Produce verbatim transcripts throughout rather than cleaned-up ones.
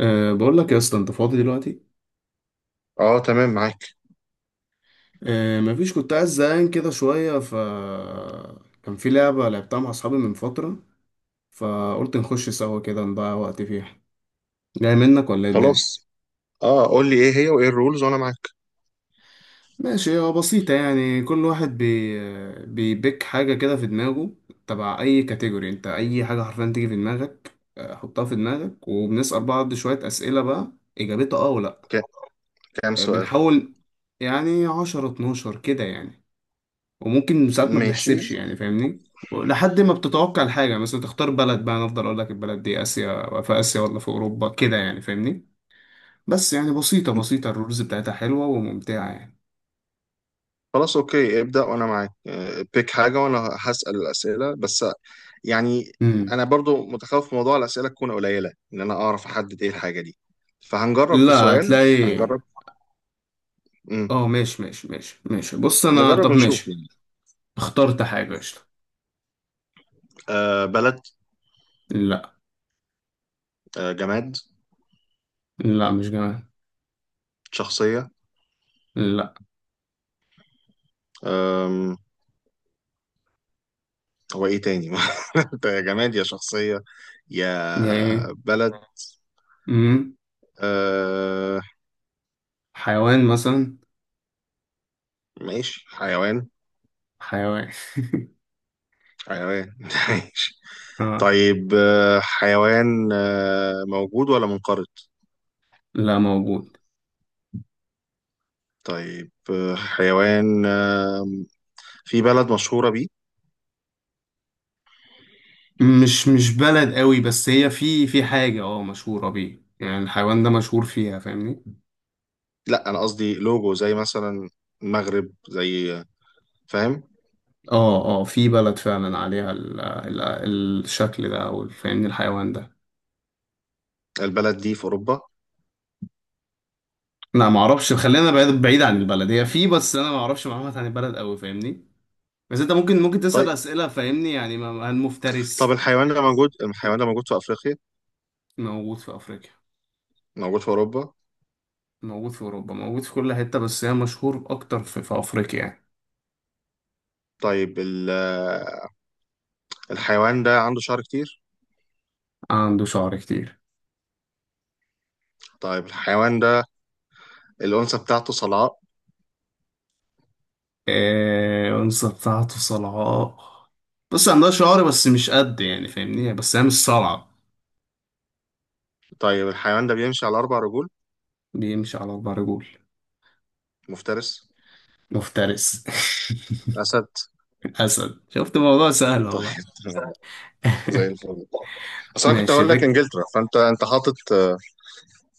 أه بقول لك يا اسطى، انت فاضي دلوقتي؟ اه، تمام معاك. أه مفيش، كنت عايز زهقان كده شويه ف كان في لعبه لعبتها مع اصحابي من فتره، فقلت نخش سوا كده نضيع وقت فيها. جاي منك ولا ايه الدنيا؟ خلاص. اه، قول لي ايه هي وايه الرولز وانا معاك. ماشي، هو بسيطه يعني. كل واحد بي بيبيك حاجه كده في دماغه، تبع اي كاتيجوري. انت اي حاجه حرفيا تيجي في دماغك، آه، حطها في دماغك، وبنسال بعض شويه اسئله بقى، اجابتها اه ولا لأ. ك- كام آه، سؤال؟ بنحاول يعني عشرة اتناشر كده يعني. وممكن ساعات ما ماشي. بنحسبش يعني، فاهمني، لحد ما بتتوقع الحاجة. مثلا تختار بلد بقى، أنا أفضل أقول لك البلد دي آسيا، في آسيا ولا في أوروبا كده يعني، فاهمني. بس يعني، بسيطة بسيطة الرولز بتاعتها حلوة وممتعة يعني. خلاص، اوكي، ابدأ وانا معاك، آه، بيك حاجة وانا هسأل الأسئلة بس يعني. امم. انا برضو متخوف من موضوع الأسئلة تكون قليلة ان انا اعرف احدد ايه الحاجة دي. فهنجرب في لا، سؤال، هتلاقي. هنجرب. مم. اه، ماشي ماشي ماشي ماشي. بص، أنا، نجرب طب ونشوف ماشي. يعني. اخترت حاجة، قشطة. آه، بلد؟ لا. آه، جماد؟ لا، مش جمال. شخصية؟ لا. آم، هو ايه تاني؟ انت يا جماد يا شخصية، يا يا إيه. بلد؟ امم. آه، حيوان مثلا. ماشي، حيوان. حيوان. حيوان ماشي. اه. طيب، آه، حيوان، آه، موجود ولا منقرض؟ لا، موجود. طيب، آه، حيوان آه، في بلد مشهورة بيه؟ مش مش بلد قوي، بس هي في في حاجة اه مشهورة بيه، يعني الحيوان ده مشهور فيها، فاهمني. لا، أنا قصدي لوجو زي مثلا المغرب، زي. فاهم؟ اه اه، في بلد فعلا عليها ال ال الشكل ده، او فاهمني، الحيوان ده. البلد دي في أوروبا؟ لا، ما اعرفش. خلينا بعيد بعيد عن البلد، هي في، بس انا ما اعرفش معلومات عن البلد قوي، فاهمني. بس انت ممكن ممكن تسأل طيب. أسئلة، فاهمني يعني، ما- ما طب، المفترس. الحيوان ده موجود كده. الحيوان ده موجود في أفريقيا؟ موجود في افريقيا. موجود في أوروبا؟ موجود في اوروبا، موجود في كل حتة، بس هي مشهور اكتر في, في افريقيا يعني. طيب، ال- آه، الحيوان ده عنده شعر كتير؟ عنده شعر كتير. طيب، الحيوان ده الأنثى بتاعته صلعاء؟ آه، أنثى بتاعته صلعاء. بص، عندها شعر بس مش قد، يعني فاهمني، بس هي مش صلعة. طيب، الحيوان ده بيمشي على أربع رجول؟ بيمشي على أربع رجول. مفترس؟ مفترس. أسد؟ أسد، شفت الموضوع سهل طيب والله. تمام. زي الفل. اصل انا كنت ماشي هقول لك بك. انجلترا، فانت انت حاطط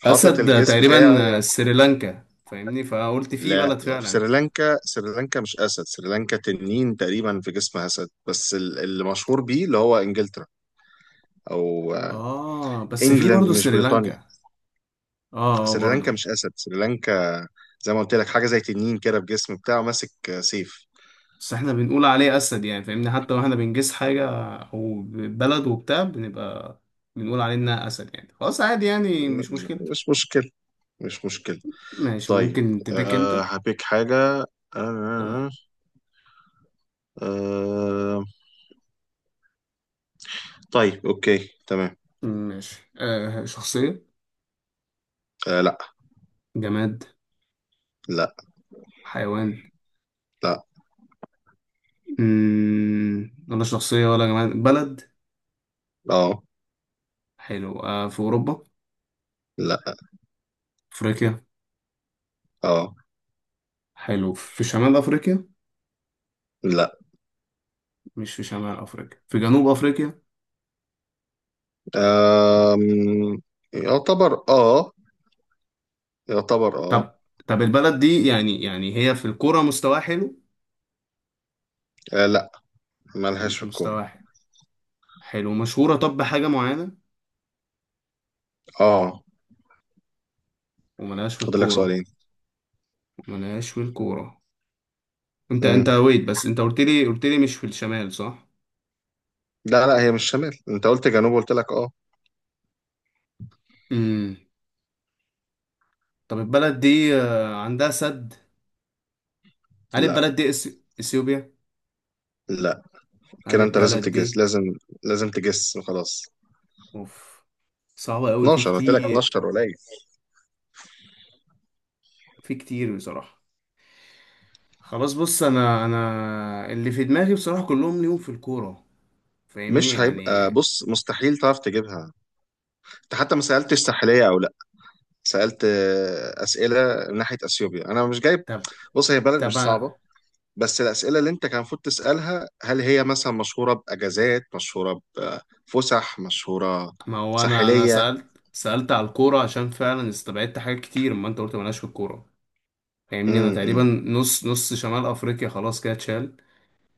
حاطط أسد ده الجيس بتاعي. تقريبا سريلانكا، فاهمني، فقلت في لا، بلد في فعلا. سريلانكا. سريلانكا مش اسد، سريلانكا تنين تقريبا في جسم اسد بس ال- اللي مشهور بيه اللي هو انجلترا، او آه، آه، بس في انجلاند، برضه مش بريطانيا. سريلانكا. آه آه، سريلانكا برضه. مش اسد، سريلانكا زي ما قلت لك حاجه زي تنين كده في جسم بتاعه ماسك آه، سيف. بس احنا بنقول عليه اسد، يعني فاهمني، حتى واحنا بنجس حاجه او بلد وبتاع، بنبقى بنقول عليه انها اسد، يعني خلاص عادي يعني، مش مشكله. مش مشكله، مش مشكله. ماشي، طيب، ممكن تبيك انت. أه، هبيك حاجه. أه، تمام. أه، أه. طيب، اوكي، تمام. ماشي، آه شخصيه؟ آه، لا. جماد؟ لا. حيوان؟ لا. مم. ولا شخصيه ولا جماد، بلد. اه. حلو، آه في اوروبا؟ لا. افريقيا؟ اه. حلو، في شمال افريقيا؟ لا. مش في شمال افريقيا، في جنوب افريقيا. آم، يعتبر اه، يعتبر اه. طب طب البلد دي يعني، يعني هي في الكوره مستواها حلو؟ آه، لا، مالهاش مش في الكورة. مستواها حلو. حلو، مشهورة طب بحاجة معينة؟ اه. وملهاش في فاضل لك الكورة. سؤالين. وملهاش في الكورة. انت انت مم. ويت، بس انت قلت لي قلت لي مش في الشمال، صح؟ لا، لا، هي مش شمال، انت قلت جنوب، قلت لك اه. امم. طب البلد دي، آه، عندها سد؟ هل لا. البلد دي إثي- اثيوبيا؟ لا، هل كده انت لازم البلد تجس، دي؟ لازم. لازم تجس، خلاص. اوف، صعبة قوي، في اتناشر قلت لك، كتير. اتناشر قليل. في كتير بصراحة. خلاص بص، انا انا اللي في دماغي، بصراحة كلهم ليهم في الكورة، فاهمني مش هيبقى، يعني. بص مستحيل تعرف تجيبها. انت حتى ما سألتش ساحلية او لا. سألت آه، أسئلة من ناحية أثيوبيا، أنا مش جايب. طب. بص، هي بلد طب، مش صعبة. بس الأسئلة اللي أنت كان المفروض تسألها هل هي مثلا مشهورة بأجازات، مشهورة بفسح، مشهورة، ما هو انا، انا ساحلية. سألت سألت على الكورة، عشان فعلا استبعدت حاجات كتير، ما انت قلت مالهاش في الكورة، فاهمني. انا تقريبا امم نص نص شمال افريقيا خلاص كده اتشال.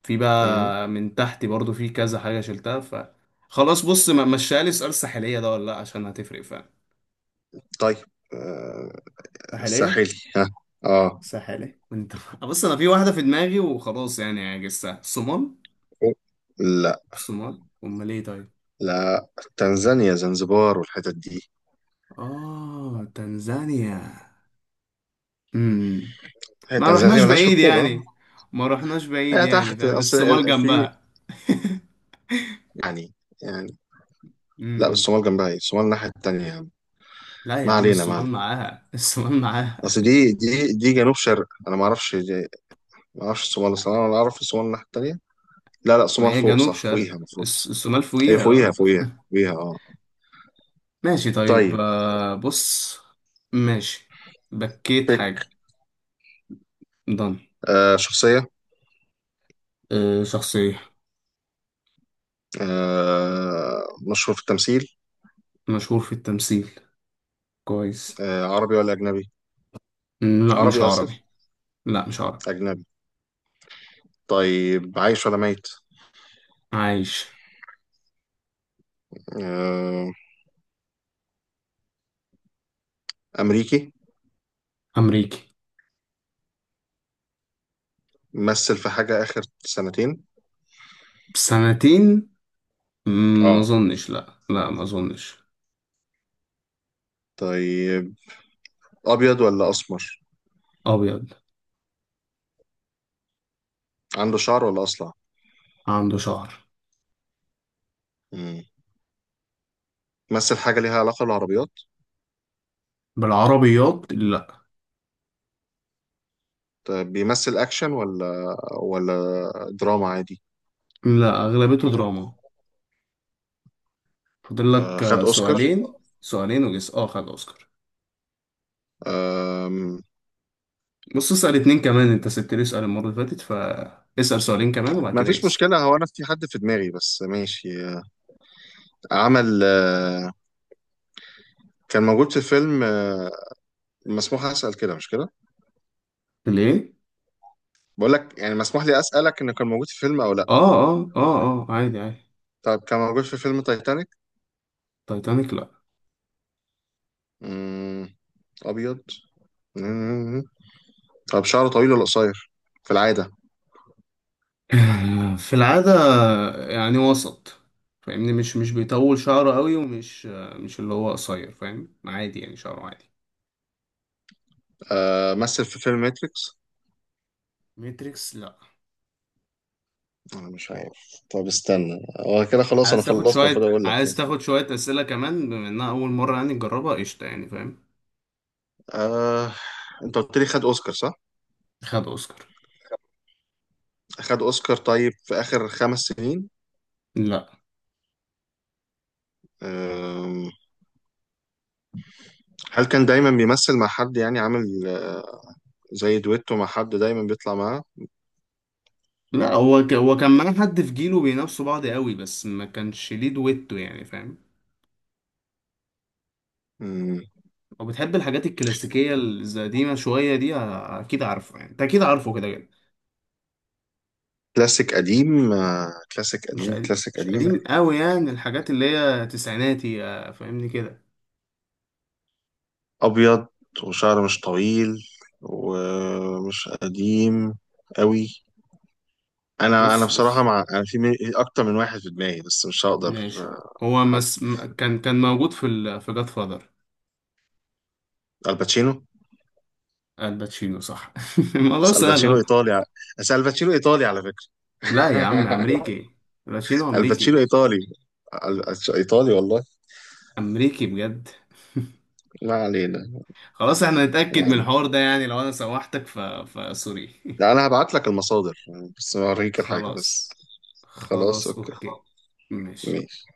في امم بقى من تحت برضو في كذا حاجة شلتها ف خلاص بص، ما مشيها لي، سؤال ساحلية ده ولا لا؟ عشان هتفرق فعلا. طيب، آه، ساحلية. ساحلي ها؟ اه. ساحلية انت. بص، انا في واحدة في دماغي وخلاص، يعني عجزتها الصومال. لا، الصومال امال ايه؟ طيب. لا. تنزانيا، زنزبار والحتت دي. اه، تنزانيا. امم. هي ما تنزانيا رحناش ملهاش في بعيد الكورة؟ يعني. ما رحناش بعيد هي يعني، تحت، فاهم، أصل الصومال ال- في جنبها. يعني يعني لا، امم. الصومال جنبها ايه؟ الصومال الناحية التانية يا عم. لا يا ما عم، علينا، ما الصومال علينا. معاها، الصومال معاها. اصل دي دي دي جنوب شرق، انا ما اعرفش دي- ما اعرفش الصومال، الصراحه انا اعرف الصومال الناحيه التانيه. لا، لا، ما الصومال هي فوق، جنوب صح؟ شرق. فوقيها المفروض. الص- الصومال هي فوقيها، فوقيها، اه. فوقيها. فوقيها اه. ماشي طيب، طيب. آه، بص. ماشي. بكيت بيك. حاجة. ضن. آه، شخصيه. آه، شخصية. آه. مشهور في التمثيل؟ مشهور في التمثيل. كويس. آه، عربي ولا اجنبي؟ مم، لا مش عربي؟ اسف. عربي. لا، مش عربي. اجنبي؟ طيب، عايش ولا ميت؟ عايش. آه. امريكي؟ أمريكي. مثل في حاجه اخر سنتين؟ سنتين. مم، ما اه. أظنش، لا لا، ما أظنش. طيب. ابيض ولا اسمر؟ أبيض. عنده شعر ولا اصلع؟ عنده شعر. مم. مثل حاجه ليها علاقه بالعربيات؟ بالعربيات، لا. طيب، بيمثل اكشن ولا ولا دراما عادي؟ لا، اغلبيته دراما. فاضل آه، لك خد آه، اوسكار؟ سؤالين سؤالين، وجس. اه خد اوسكار. آم، بص، اسال اتنين كمان، انت سبت لي سؤال المره اللي فاتت، فاسال سؤالين كمان، وبعد ما كده فيش جس. مشكله، هو انا في حد في دماغي بس ماشي، آه، عمل آه، كان موجود في فيلم آه، مسموح اسال كده مش كده؟ ليه؟ بقول لك يعني مسموح لي اسالك انه كان موجود في فيلم او لا. اه اه اه اه، عادي عادي. طب كان موجود في فيلم تايتانيك؟ تايتانيك، لا. مم، ابيض. مم، طب شعره طويل ولا قصير في العاده؟ في العاده، يعني وسط، فاهمني. مش مش بيطول شعره قوي، ومش آه، مش اللي هو قصير، فاهم، عادي يعني، شعره عادي. آه، مثل في فيلم ماتريكس؟ ماتريكس، لا. انا مش عارف. طب استنى. هو كده خلاص، انا عايز تاخد خلصت، شوية المفروض اقول لك عايز يعني. تاخد شوية أسئلة كمان، بما إنها أول مرة يعني تجربها، قشطة يعني، فاهم. آه، انت قلت لي خد اوسكار، صح؟ خد اوسكار. خد اوسكار. طيب، في اخر خمس سنين؟ لا. آه، هل كان دايما بيمثل مع حد يعني عامل آه، زي دويتو مع حد دايما بيطلع معاه؟ لا، هو ك... هو كان معاه حد في جيله بينافسوا بعض قوي، بس ما كانش ليه دويتو، يعني فاهم. مم، لو بتحب الحاجات الكلاسيكيه القديمه شويه دي، ه- اكيد عارفه يعني، انت اكيد عارفه كده كده. كلاسيك قديم، آه، كلاسيك مش قديم، قديم كلاسيك مش قديم. قديم قوي، يعني الحاجات اللي هي تسعيناتي، آه، فاهمني كده. ابيض، وشعر مش طويل، ومش قديم قوي. انا انا بص بصراحة، بص، مع انا في مي- اكتر من واحد في دماغي بس مش هقدر. ماشي. آه، هو حد. مس... م- كان كان موجود في ال... في جاد فادر. الباتشينو. الباتشينو صح، الموضوع بس سهل الباتشينو أهو. ايطالي ع- بس الباتشينو ايطالي على فكره. لا يا عم، امريكي. الباتشينو الباتشينو امريكي. ايطالي. ال- ايطالي والله. امريكي بجد. ما علينا، خلاص، احنا ما نتأكد من علينا. الحوار ده يعني، لو انا سوحتك ف... فسوري. لا، انا هبعت لك المصادر، بس اوريك الحاجه خلاص. بس. خلاص، خلاص، اوكي. اوكي. ماشي. ماشي.